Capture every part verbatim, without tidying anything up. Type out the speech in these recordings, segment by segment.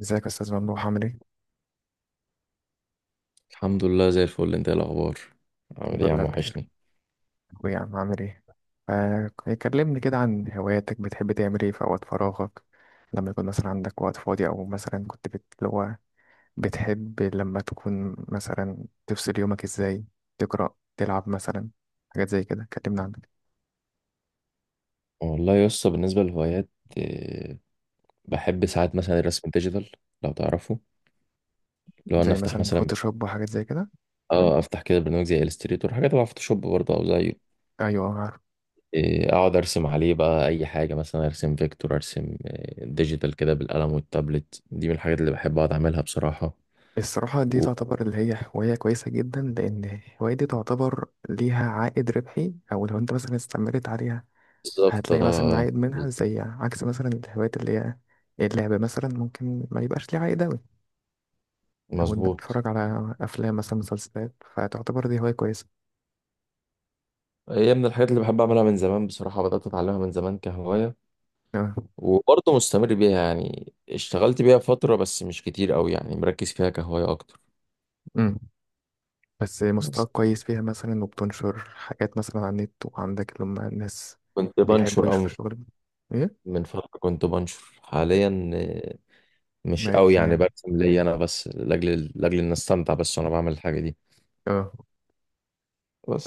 ازيك يا استاذ ممدوح، عامل ايه؟ الحمد لله زي الفل. انت ايه الاخبار؟ عامل الحمد ايه يا لله عم؟ بخير. وحشني. اخويا يا عم، عامل ايه؟ ف- كلمني كده عن هواياتك، بتحب تعمل ايه في اوقات فراغك؟ لما يكون مثلا عندك وقت فاضي، او مثلا كنت بت... اللي هو، بتحب لما تكون مثلا تفصل يومك ازاي؟ تقرا، تلعب مثلا، حاجات زي كده، كلمنا عنك. والله يا اسطى بالنسبه للهوايات، آه، بحب ساعات مثلا الرسم الديجيتال لو تعرفه. لو انا زي افتح مثلا مثلا بر- فوتوشوب وحاجات زي كده. اه افتح كده برنامج زي الستريتور، حاجه تبع فوتوشوب برضه او زيه. ايوه، عارف. آه، اقعد ارسم عليه بقى اي حاجه، مثلا ارسم فيكتور، ارسم آه، ديجيتال كده بالقلم والتابلت. دي من الحاجات اللي بحب اقعد اعملها بصراحه. الصراحة دي و- تعتبر اللي هي هواية كويسة جدا، لأن الهواية دي تعتبر ليها عائد ربحي، أو لو أنت مثلا استمرت عليها بالظبط، هتلاقي مثلا اه عائد منها، بالظبط. زي عكس مثلا الهوايات اللي هي اللعب مثلا، ممكن ما يبقاش ليه عائد أوي. أو إنك مظبوط. تتفرج على أفلام مثلا، مسلسلات، فتعتبر دي هواية كويسة. هي من الحاجات اللي بحب اعملها من زمان بصراحه، بدات اتعلمها من زمان كهوايه آه. وبرضه مستمر بيها. يعني اشتغلت بيها فترة بس مش كتير قوي، يعني مركز فيها كهواية أكتر. أمم. بس بس مستواك كويس فيها مثلا، وبتنشر حاجات مثلا على النت، وعندك اللي هم الناس كنت بيحبوا بنشر يشوفوا أو شغل. إيه؟ من فترة كنت بنشر. حاليا آه، مش قوي، بقت، يعني برسم ليا أنا بس لأجل لأجل إن أستمتع بس وأنا بعمل الحاجة دي. اه،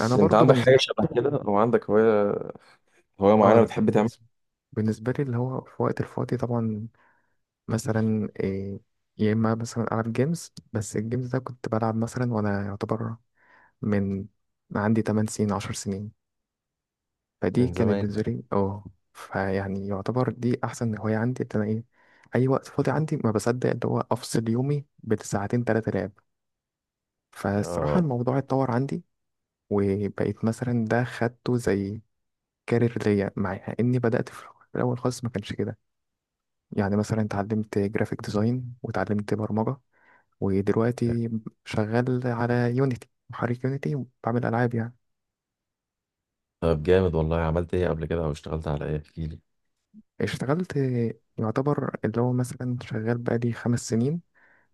أنا أنت برضو عندك حاجة بالنسبة، شبه كده أو عندك هواية، هواية معينة اه، بتحب تعملها؟ بالنسبة بالنسبة لي اللي هو في وقت الفاضي طبعا، مثلا إيه، يا إما مثلا ألعب جيمز. بس الجيمز ده كنت بلعب مثلا وأنا يعتبر من عندي 8 سنين، 10 سنين. فدي من كانت زمان. بالنسبة لي، اه، فيعني يعتبر دي أحسن هواية عندي. إن أنا إيه، أي وقت فاضي عندي ما بصدق اللي هو أفصل يومي بساعتين تلاتة لعب. فالصراحة آه. الموضوع اتطور عندي، وبقيت مثلا ده خدته زي كارير ليا، مع إني بدأت في الأول خالص ما كانش كده. يعني مثلا اتعلمت جرافيك ديزاين، واتعلمت برمجة، أوكي. ودلوقتي شغال على يونيتي، محرك يونيتي، وبعمل ألعاب يعني. طب جامد والله. عملت إيه قبل كده أو اشتغلت على إيه؟ احكيلي. اشتغلت، يعتبر اللي هو مثلا شغال بقالي خمس سنين.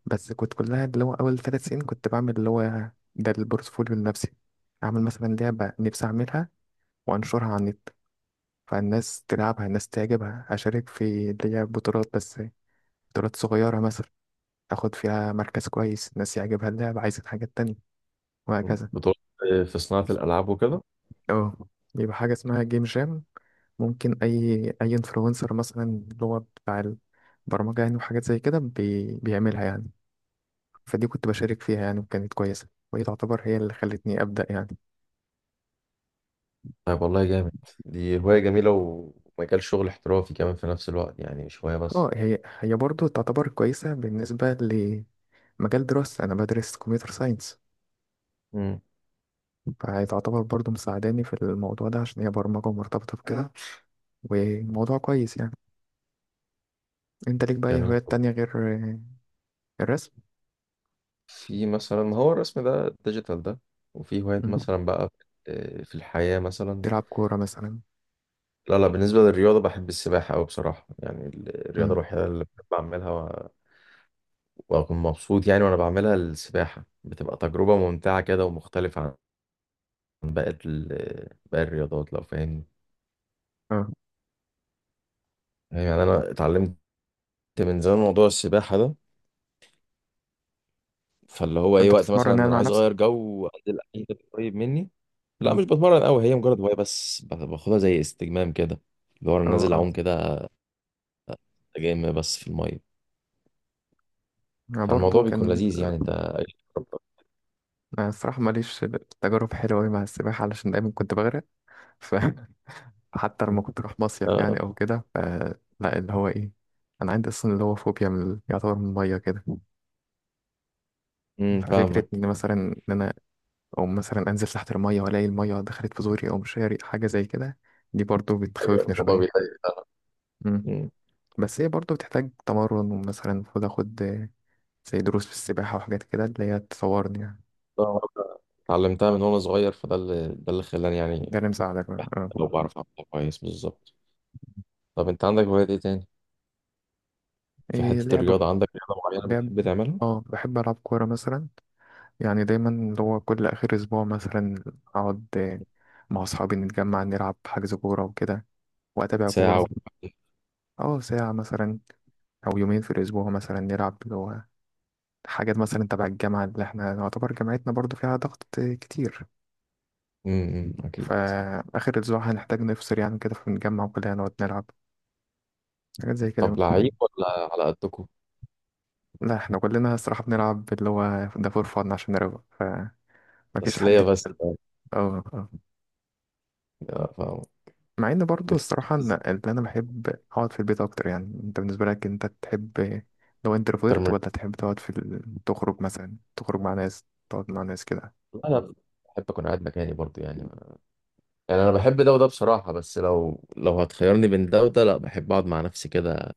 بس كنت كلها اللي هو أول ثلاث سنين كنت بعمل اللي هو ده البورتفوليو النفسي، أعمل مثلا لعبة نفسي أعملها، وأنشرها على النت، فالناس تلعبها، الناس تعجبها، أشارك في اللي هي بطولات. بس بطولات صغيرة مثلا، أخد فيها مركز كويس، الناس يعجبها اللعبة، عايزة حاجات تانية، وهكذا. بطولة في صناعة الألعاب وكده؟ اه، يبقى حاجة اسمها جيم جام، ممكن أي أي انفلونسر مثلا اللي هو بتاع البرمجة يعني، وحاجات زي كده بي... بيعملها يعني. فدي كنت بشارك فيها يعني، وكانت كويسة، وهي تعتبر هي اللي خلتني أبدأ يعني. طيب والله جامد. دي هواية جميلة ومجال شغل احترافي كمان في نفس الوقت، يعني مش هواية اه، بس. هي هي برضه تعتبر كويسة بالنسبة لمجال دراستي. أنا بدرس كمبيوتر ساينس، امم. فهي تعتبر برضه مساعداني في الموضوع ده، عشان هي برمجة ومرتبطة بكده، وموضوع كويس يعني. أنت ليك بقى أي جميل. هوايات تانية غير آه، الرسم؟ في مثلا، ما هو الرسم ده الديجيتال ده، وفي هوايات مم. مثلا بقى آه، في الحياة مثلا. تلعب كورة مثلا؟ لا لا، بالنسبة للرياضة بحب السباحة أوي بصراحة، يعني ال- الرياضة مم. الوحيدة اللي بحب أعملها و- وأكون مبسوط يعني وأنا بعملها. السباحة بتبقى تجربة ممتعة كده، ومختلفة عن باقي ال- باقي الرياضات لو فاهمني. اه. يعني أنا اتعلمت من زمان موضوع السباحة ده، فاللي هو ايه، أنت وقت مثلا بتتمرن ان يعني انا مع عايز نفسك؟ اغير جو وانزل اي حتة قريب مني. لا مم. مش بتمرن قوي، هي مجرد هوايه بس. ب- باخدها زي استجمام كده، اللي هو انا اه، نازل اه، اعوم كده، جيم بس في الميه. انا فالموضوع برضو بيكون كان، لذيذ يعني. انت؟ انا الصراحه ماليش تجارب حلوه أوي مع السباحه، علشان دايما كنت بغرق. ف حتى لما كنت اروح مصيف اه. يعني او كده ف- لا، اللي هو ايه، انا عندي اصلا اللي هو فوبيا من ال- يعتبر من الميه كده. امم، ففكره فاهمك. ان مثلا ان انا، او مثلا انزل تحت الميه والاقي الميه دخلت في زوري، او مش هاري حاجه زي كده، دي برضو أيوة، بتخوفني الموضوع شويه. بيضايق. مم. أمم. بس هي برضو بتحتاج تمرن، ومثلا المفروض اخد آه، زي دروس في السباحه وحاجات كده اللي هي تصورني يعني. طبعاً اتعلمتها من وانا صغير، فده اللي ده اللي خلاني ده يعني اللي مساعدك بقى. اه. لو بعرف اعملها كويس بالظبط. طب انت عندك هوايات ايه تاني؟ في إيه، حته لعب الرياضه، كوره، عندك رياضه معينه لعب، بتحب تعملها؟ اه بحب العب كوره مثلا. يعني دايما اللي هو كل اخر اسبوع مثلا اقعد آه، مع اصحابي نتجمع نلعب حجز كوره وكده، واتابع ساعه و... كوره. اه ساعه مثلا، او يومين في الاسبوع مثلا نلعب اللي هو حاجات مثلا تبع الجامعه، اللي احنا نعتبر جامعتنا برضو فيها ضغط آه، كتير. امم. أمم، اكيد. فاخر اسبوع هنحتاج نفصل يعني كده، فنتجمع وكلنا نقعد نلعب حاجات زي كده. طب لعيب ولا على قدكم؟ لا، احنا كلنا الصراحه بنلعب اللي هو ده فور فن عشان نروق، فمفيش تسلية حد. بس يعني. اه. آه. آه، فاهم. مع ان برضه بتحب الصراحه ان التسلية إن انا بحب اقعد في البيت اكتر يعني. انت بالنسبه لك انت تحب لو أكتر انتروفيرت، من... ولا تحب تقعد في ال... تخرج مثلا، تخرج مع ناس، تقعد مع ناس كده؟ لا، أنا بحب أكون قاعد مكاني برضو يعني. يعني أنا بحب ده وده بصراحة، بس لو لو هتخيرني بين ده وده، لا بحب أقعد مع نفسي كده.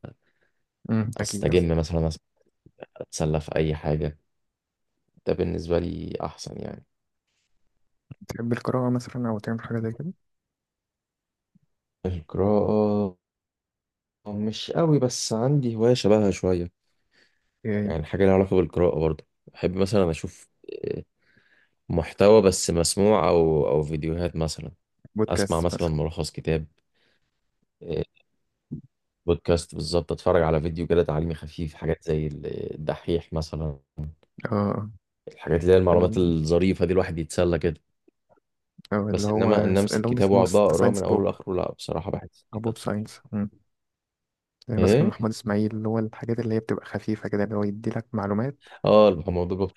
امم، اكيد. آه. أستجم مثلا، أس- أتسلى في أي حاجة. ده بالنسبة لي أحسن يعني. تحب القراءه مثلا، او تعمل حاجه زي كده؟ القراءة مش قوي، بس عندي هواية شبهها شوية. إيه، يعني حاجة لها علاقة بالقراءة برضو، بحب مثلا أشوف آه، محتوى بس مسموع، أو أو فيديوهات مثلا. أسمع بودكاست مثلا مثلا؟ ملخص كتاب، آه، بودكاست بالظبط. اتفرج على فيديو كده تعليمي خفيف، حاجات زي ال- الدحيح مثلا. اه. الحاجات اللي هي ال- المعلومات الظريفه دي الواحد يتسلى كده. آه، اللي بس هو انما ان امسك اللي هم كتاب بيسموه واقعد بقى ذا اقراه ساينس من اوله بوب، لاخره، لا بصراحه بحس. او بوب ساينس. امم. زي مثلا ايه؟ محمود اسماعيل، اللي هو الحاجات اللي هي بتبقى خفيفه كده، اللي هو يدي لك معلومات. اه الموضوع ده،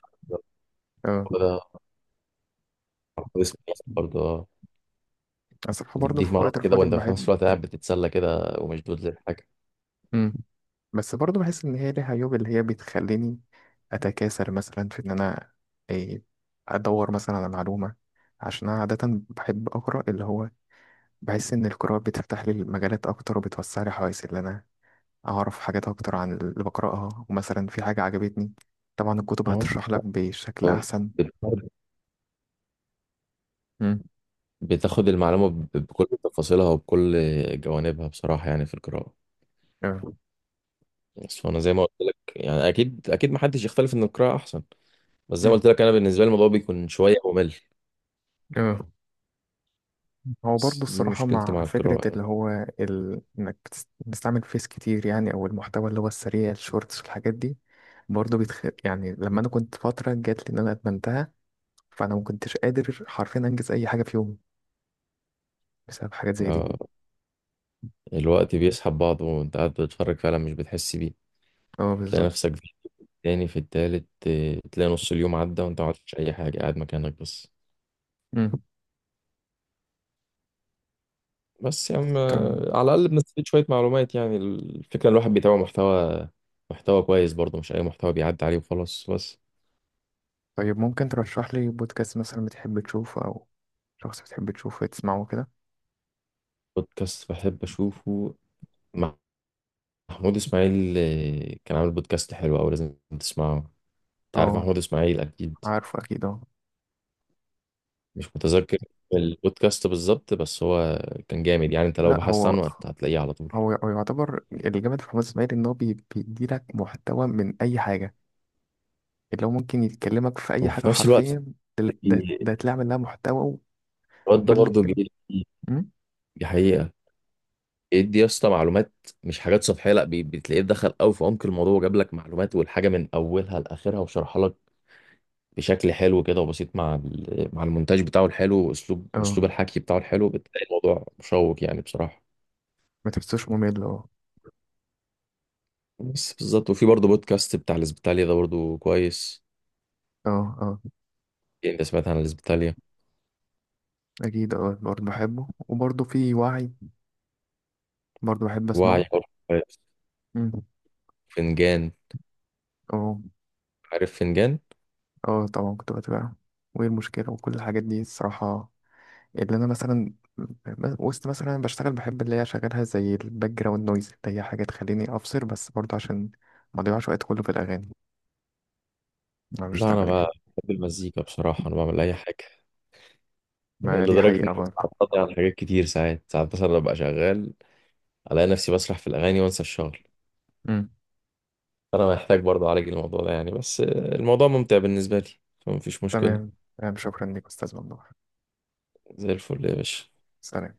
اه. ده اسمه إيه أنا برضه؟ اه، الصراحه برضه يديك في معلومه وقت كده الفاضي وانت في بحب. نفس الوقت قاعد بتتسلى كده ومشدود للحاجه. مم. بس برضه بحس ان هي ليها عيوب، اللي هي بتخليني اتكاسل مثلا في ان انا إيه ادور مثلا على معلومه. عشان انا عاده بحب اقرا، اللي هو بحس ان القراءه بتفتح لي المجالات اكتر، وبتوسع لي حواسي، اللي انا اعرف حاجات اكتر عن اللي بقراها. ومثلا في حاجه عجبتني، طبعا الكتب اه، هتشرح لك بشكل احسن. بت- مم. بتاخد المعلومه ب- بكل تفاصيلها وبكل جوانبها بصراحه يعني في القراءه. اه. بس وانا زي ما قلت لك، يعني اكيد اكيد ما حدش يختلف ان القراءه احسن، بس زي ما قلت لك انا بالنسبه لي الموضوع بيكون شويه ممل. اه، هو برضه بس دي الصراحة مشكلتي مع مع فكرة القراءه يعني. اللي هو ال... إنك بتس- بتستعمل فيس كتير يعني، أو المحتوى اللي هو السريع، الشورتس والحاجات دي برضه بيتخ... يعني لما أنا كنت فترة جات لي إن أنا أدمنتها، فأنا ما كنتش قادر حرفيا أنجز أي حاجة في يومي بسبب حاجات زي دي. آه، الوقت بيسحب بعضه وانت قاعد بتتفرج فعلا مش بتحس بيه. أه تلاقي بالظبط. نفسك في التاني، في التالت، آه، تلاقي نص اليوم عدى وانت ما عملتش اي حاجه، قاعد مكانك بس. مم. بس يا عم طب، آه، على الاقل بنستفيد شويه معلومات، يعني الفكره إن الواحد بيتابع محتوى، محتوى كويس برضه، مش اي محتوى بيعدي عليه وخلاص بس. طيب ممكن ترشح لي بودكاست مثلا بتحب تشوفه، أو شخص بتحب تشوفه تسمعه كده؟ بودكاست بحب اشوفه، محمود اسماعيل آه، كان عامل بودكاست حلو، او لازم تسمعه. انت عارف أه، محمود اسماعيل اكيد. عارفه أكيد أه. مش متذكر البودكاست بالظبط، بس هو كان جامد يعني، انت لو لأ، بحثت هو عنه هت- هتلاقيه على طول. هو هو يعتبر الجامد في حماس إسماعيل إن هو بي- بيديلك محتوى من أي حاجة، اللي هو ممكن يتكلمك في أي حاجة وفي نفس الوقت حرفيا. ده ده, ده تلاقي لها محتوى. الواد ده وكل برضه الك- جه- أمم؟ دي حقيقة، بيدي يا اسطى معلومات مش حاجات سطحية. لا، بي- بتلاقيه دخل قوي في عمق الموضوع، وجاب لك معلومات والحاجة من أولها لآخرها وشرحها لك بشكل حلو كده وبسيط، مع ال- مع المونتاج بتاعه الحلو، وأسلوب اه. أسلوب الحكي بتاعه الحلو، بتلاقي الموضوع مشوق يعني بصراحة. ما تحسوش ممل. اه، بس بالظبط. وفي برضه بودكاست بتاع الإسبيتاليا ده برضه كويس. اه، اه، إيه، أنت سمعت عن الإسبيتاليا؟ أكيد، اه برضه بحبه، وبرضه في وعي برضه بحب وعي أسمعه. برضه. أمم. فنجان. اه. عارف فنجان. اه طبعا كنت بتابعه. وإيه المشكلة وكل الحاجات دي الصراحة، اللي أنا مثلا ب- وسط مثلا أنا بشتغل، بحب اللي هي أشغلها زي الباك جراوند نويز، اللي هي حاجة تخليني أفصل، بس برضه عشان ما أضيعش وقت كله في الأغاني، أنا لا انا بشتغل يعني. بقى بحب المزيكا بصراحه، انا بعمل اي حاجه ما دي لدرجه اني حقيقة برضه. بتعطل على حاجات كتير. ساعات ساعات مثلا ببقى شغال، الاقي نفسي بسرح في الاغاني وانسى الشغل. أمم. فانا محتاج برضه اعالج الموضوع ده يعني، بس الموضوع ممتع بالنسبه لي فمفيش مشكله. تمام. تمام، شكرا لك أستاذ ممدوح. زي الفل يا باشا. سلام.